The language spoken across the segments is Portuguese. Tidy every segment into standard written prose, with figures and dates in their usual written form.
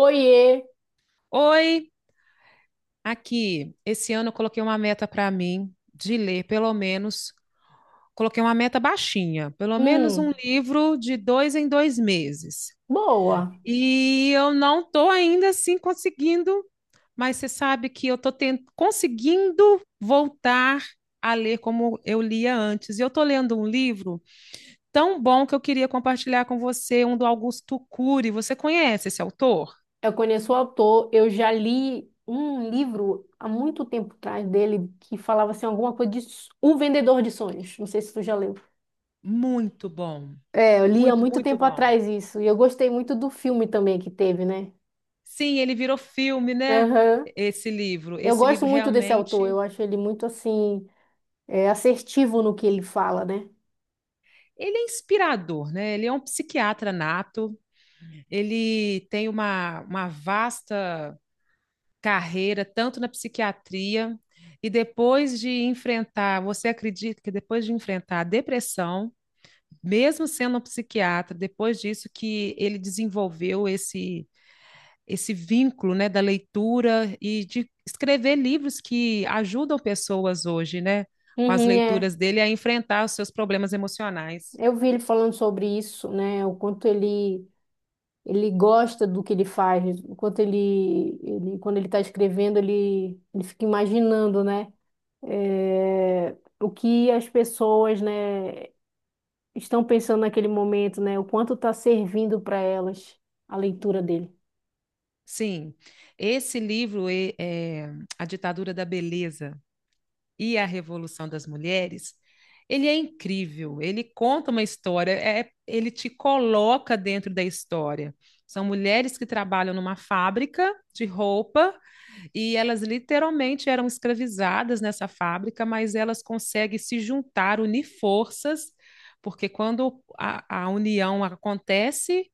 Oiê! Oi, aqui. Esse ano eu coloquei uma meta para mim de ler, pelo menos, coloquei uma meta baixinha, pelo menos um Hum, livro de dois em dois meses. boa. E eu não estou ainda assim conseguindo, mas você sabe que eu estou conseguindo voltar a ler como eu lia antes. E eu estou lendo um livro tão bom que eu queria compartilhar com você, um do Augusto Cury. Você conhece esse autor? Eu conheço o autor, eu já li um livro há muito tempo atrás dele que falava assim alguma coisa de Um Vendedor de Sonhos. Não sei se tu já leu. Muito bom, É, eu li há muito, muito muito tempo bom. atrás isso e eu gostei muito do filme também que teve, né? Sim, ele virou filme, né? Aham. Esse livro. Eu Esse gosto livro muito desse autor, eu realmente. acho ele muito assim assertivo no que ele fala, né? Ele é inspirador, né? Ele é um psiquiatra nato, ele tem uma vasta carreira, tanto na psiquiatria, e depois de enfrentar, você acredita que depois de enfrentar a depressão, mesmo sendo um psiquiatra, depois disso que ele desenvolveu esse vínculo, né, da leitura e de escrever livros que ajudam pessoas hoje, né, com as Uhum, é. leituras dele a enfrentar os seus problemas emocionais. Eu vi ele falando sobre isso, né? O quanto Ele gosta do que ele faz. Enquanto ele quando ele está escrevendo, ele fica imaginando, né? É, o que as pessoas, né, estão pensando naquele momento, né? O quanto está servindo para elas a leitura dele. Sim, esse livro, A Ditadura da Beleza e a Revolução das Mulheres, ele é incrível, ele conta uma história, é, ele te coloca dentro da história. São mulheres que trabalham numa fábrica de roupa. E elas literalmente eram escravizadas nessa fábrica, mas elas conseguem se juntar, unir forças, porque quando a união acontece,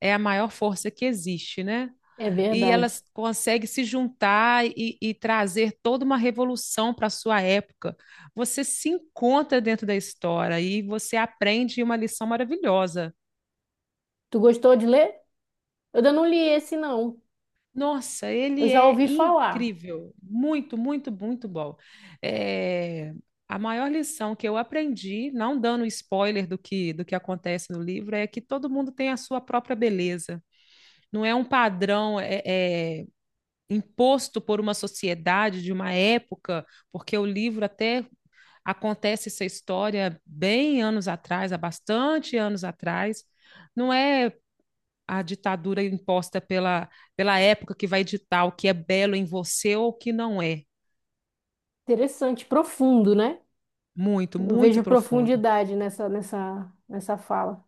é a maior força que existe, né? É E verdade. elas conseguem se juntar e trazer toda uma revolução para a sua época. Você se encontra dentro da história e você aprende uma lição maravilhosa. Tu gostou de ler? Eu ainda não li esse, não. Nossa, Eu ele já é ouvi falar. incrível, muito, muito, muito bom. É, a maior lição que eu aprendi, não dando spoiler do que acontece no livro, é que todo mundo tem a sua própria beleza. Não é um padrão é, imposto por uma sociedade de uma época, porque o livro até acontece essa história bem anos atrás, há bastante anos atrás. Não é a ditadura imposta pela época que vai ditar o que é belo em você ou o que não é. Interessante, profundo, né? Muito, Eu muito vejo profundo. profundidade nessa fala.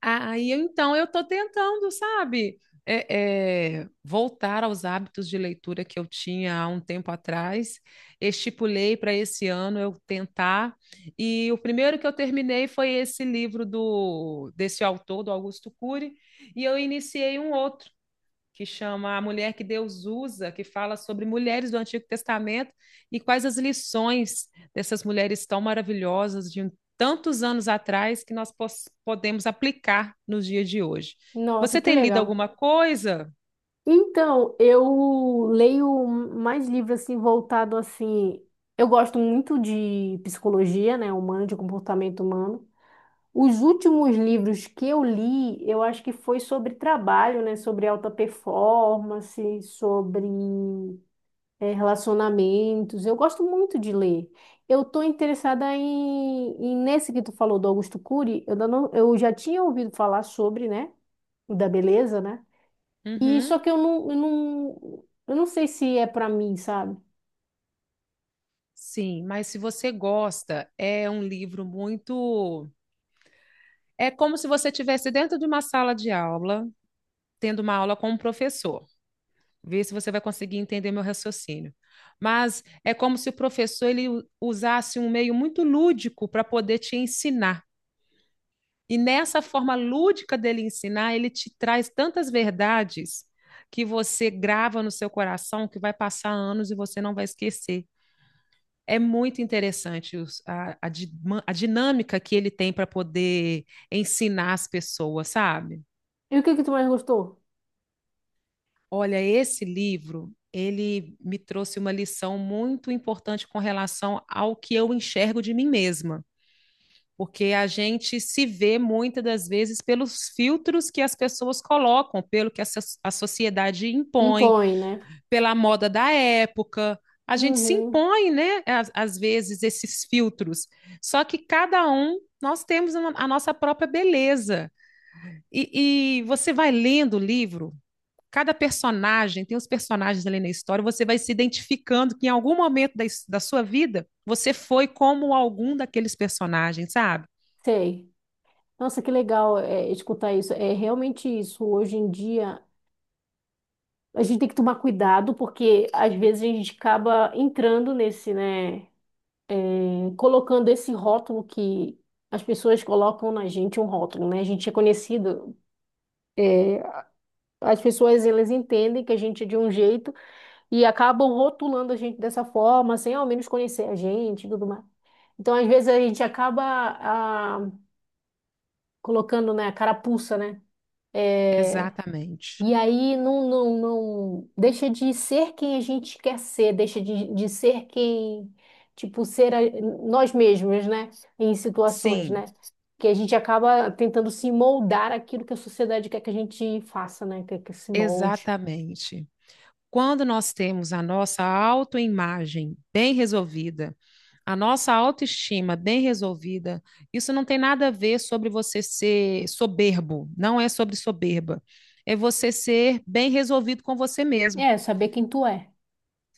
Aí, ah, então, eu estou tentando, sabe, voltar aos hábitos de leitura que eu tinha há um tempo atrás. Estipulei para esse ano eu tentar. E o primeiro que eu terminei foi esse livro do, desse autor, do Augusto Cury, e eu iniciei um outro que chama A Mulher que Deus Usa, que fala sobre mulheres do Antigo Testamento e quais as lições dessas mulheres tão maravilhosas de tantos anos atrás que nós podemos aplicar nos dias de hoje. Nossa, Você que tem lido legal. alguma coisa? Então, eu leio mais livros assim voltado assim. Eu gosto muito de psicologia, né, humana, de comportamento humano. Os últimos livros que eu li, eu acho que foi sobre trabalho, né, sobre alta performance, sobre relacionamentos. Eu gosto muito de ler. Eu estou interessada nesse que tu falou do Augusto Cury. Eu ainda não, eu já tinha ouvido falar sobre, né, o da beleza, né? E só Uhum. que eu não sei se é pra mim, sabe? Sim, mas se você gosta, é um livro muito. É como se você estivesse dentro de uma sala de aula, tendo uma aula com um professor. Ver se você vai conseguir entender meu raciocínio. Mas é como se o professor ele usasse um meio muito lúdico para poder te ensinar. E nessa forma lúdica dele ensinar, ele te traz tantas verdades que você grava no seu coração que vai passar anos e você não vai esquecer. É muito interessante a, a a dinâmica que ele tem para poder ensinar as pessoas, sabe? E o que que tu mais gostou? Olha, esse livro, ele me trouxe uma lição muito importante com relação ao que eu enxergo de mim mesma, porque a gente se vê muitas das vezes pelos filtros que as pessoas colocam, pelo que a sociedade impõe, Impõe, né? pela moda da época. A gente se Uhum, impõe, né, às vezes, esses filtros. Só que cada um, nós temos uma a nossa própria beleza. E você vai lendo o livro cada personagem, tem os personagens ali na história, você vai se identificando que em algum momento da sua vida você foi como algum daqueles personagens, sabe? sei. Nossa, que legal escutar isso. É realmente isso. Hoje em dia, a gente tem que tomar cuidado, porque às vezes a gente acaba entrando nesse, né? Colocando esse rótulo que as pessoas colocam na gente, um rótulo, né? A gente é conhecido. As pessoas, elas entendem que a gente é de um jeito e acabam rotulando a gente dessa forma, sem ao menos conhecer a gente e tudo mais. Então, às vezes, a gente acaba ah, colocando, né, a carapuça, né? É, Exatamente. e aí não deixa de ser quem a gente quer ser, deixa de ser quem, tipo, nós mesmos, né? Em situações, Sim, né? Que a gente acaba tentando se moldar aquilo que a sociedade quer que a gente faça, né? Quer que se molde. exatamente. Quando nós temos a nossa autoimagem bem resolvida, a nossa autoestima bem resolvida, isso não tem nada a ver sobre você ser soberbo, não é sobre soberba. É você ser bem resolvido com você mesmo. É, saber quem tu é.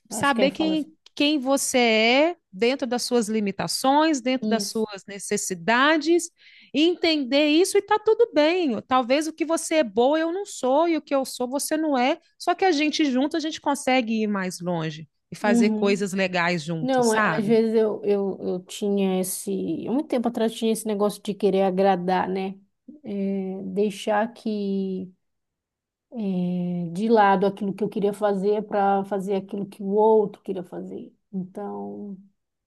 Acho que aí Saber fala quem, assim. quem você é dentro das suas limitações, dentro das Isso. suas necessidades, entender isso e tá tudo bem. Talvez o que você é boa eu não sou e o que eu sou você não é, só que a gente junto a gente consegue ir mais longe e fazer Uhum. coisas legais juntos, Não, às sabe? vezes eu tinha esse. Há muito tempo atrás tinha esse negócio de querer agradar, né? Deixar que de lado aquilo que eu queria fazer para fazer aquilo que o outro queria fazer. Então,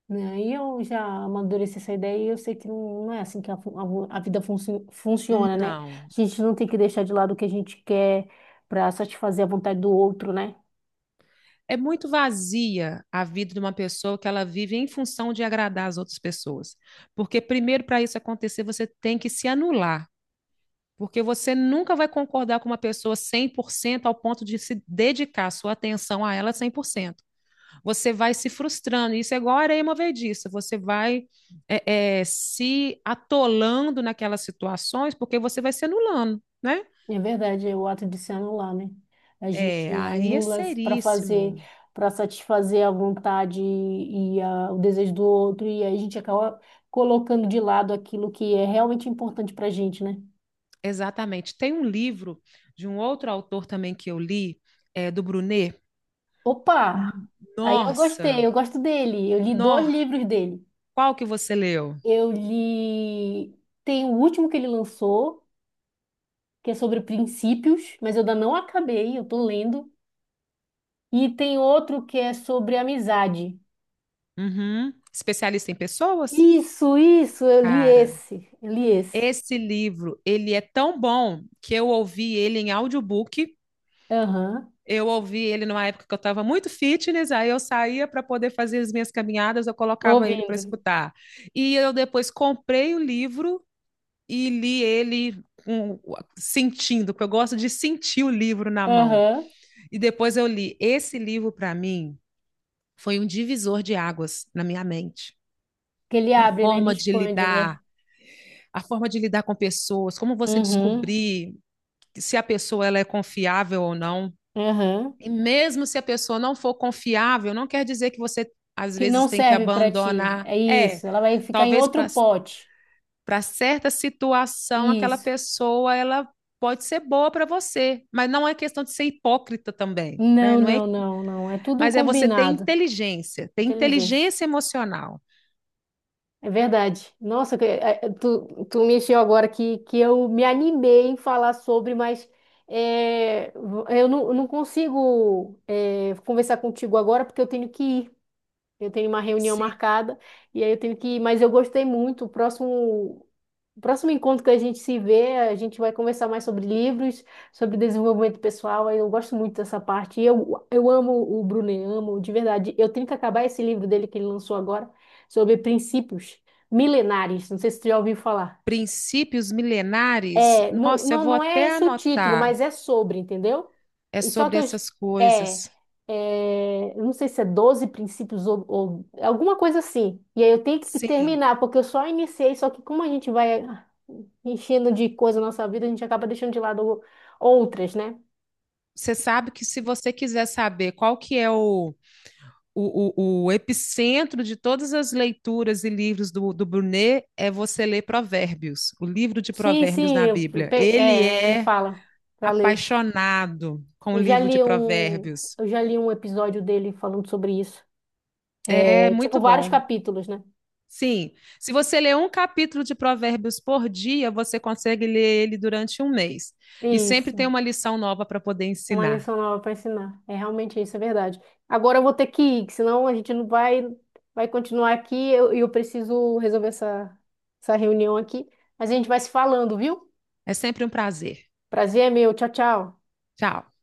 né, aí eu já amadureci essa ideia e eu sei que não é assim que a vida funciona, né? Não. A gente não tem que deixar de lado o que a gente quer para satisfazer a vontade do outro, né? É muito vazia a vida de uma pessoa que ela vive em função de agradar as outras pessoas. Porque primeiro para isso acontecer, você tem que se anular. Porque você nunca vai concordar com uma pessoa 100% ao ponto de se dedicar sua atenção a ela 100%. Você vai se frustrando. Isso é igual a areia movediça. Você vai se atolando naquelas situações porque você vai se anulando, né? É verdade, é o ato de se anular, né? A É, gente aí é anula para fazer, seríssimo. para satisfazer a vontade e o desejo do outro, e aí a gente acaba colocando de lado aquilo que é realmente importante para a gente, né? Exatamente. Tem um livro de um outro autor também que eu li, do Brunet. Opa! Aí eu gostei, Nossa! eu gosto dele. Eu li dois Nó livros dele. Qual que você leu? Eu li. Tem o último que ele lançou, que é sobre princípios, mas eu ainda não acabei, eu tô lendo. E tem outro que é sobre amizade. Uhum. Especialista em pessoas? Isso, Cara, eu li esse. esse livro, ele é tão bom que eu ouvi ele em audiobook. Aham, Eu ouvi ele numa época que eu estava muito fitness, aí eu saía para poder fazer as minhas caminhadas, eu colocava ele para ouvindo. escutar. E eu depois comprei o livro e li ele sentindo, porque eu gosto de sentir o livro na mão. Aham, E depois eu li. Esse livro, para mim, foi um divisor de águas na minha mente. que ele A abre, né? Ele forma de expande, né? lidar, a forma de lidar com pessoas, como você Uhum, descobrir se a pessoa ela é confiável ou não. aham. E mesmo se a pessoa não for confiável, não quer dizer que você às Que vezes não tem que serve para ti. abandonar. É É, isso, ela vai ficar em talvez para outro pote. certa situação aquela Isso. pessoa ela pode ser boa para você, mas não é questão de ser hipócrita também, né? Não, Não é, não, não, não. É tudo mas é você combinado. Ter Inteligência. inteligência emocional. É verdade. Nossa, tu, me mexeu agora que eu me animei em falar sobre, mas é, eu não consigo conversar contigo agora porque eu tenho que ir. Eu tenho uma reunião Sim. marcada e aí eu tenho que ir, mas eu gostei muito. O próximo encontro que a gente se vê, a gente vai conversar mais sobre livros, sobre desenvolvimento pessoal. Aí eu gosto muito dessa parte. E eu amo o Brunet, amo de verdade. Eu tenho que acabar esse livro dele que ele lançou agora, sobre princípios milenares. Não sei se tu já ouviu falar. Princípios milenares, É, nossa, eu vou não é até esse o título, anotar. mas é sobre, entendeu? É E só sobre que essas é, coisas. Eu não sei se é 12 princípios ou alguma coisa assim. E aí eu tenho que Sim. terminar, porque eu só iniciei, só que como a gente vai enchendo de coisa na nossa vida, a gente acaba deixando de lado outras, né? Você sabe que se você quiser saber qual que é o epicentro de todas as leituras e livros do Brunet, é você ler Provérbios, o livro de Sim, Provérbios sim, na Bíblia. Ele ele é fala pra ler. apaixonado com o Eu já livro de li um, Provérbios. eu já li um episódio dele falando sobre isso. É É, tipo, muito vários bom. capítulos, né? Sim, se você ler um capítulo de Provérbios por dia, você consegue ler ele durante um mês. E sempre tem Isso. uma lição nova para poder Uma ensinar. lição nova para ensinar. É realmente isso, é verdade. Agora eu vou ter que ir, que senão a gente não vai, vai continuar aqui e eu preciso resolver essa reunião aqui. Mas a gente vai se falando, viu? É sempre um prazer. Prazer é meu. Tchau, tchau. Tchau.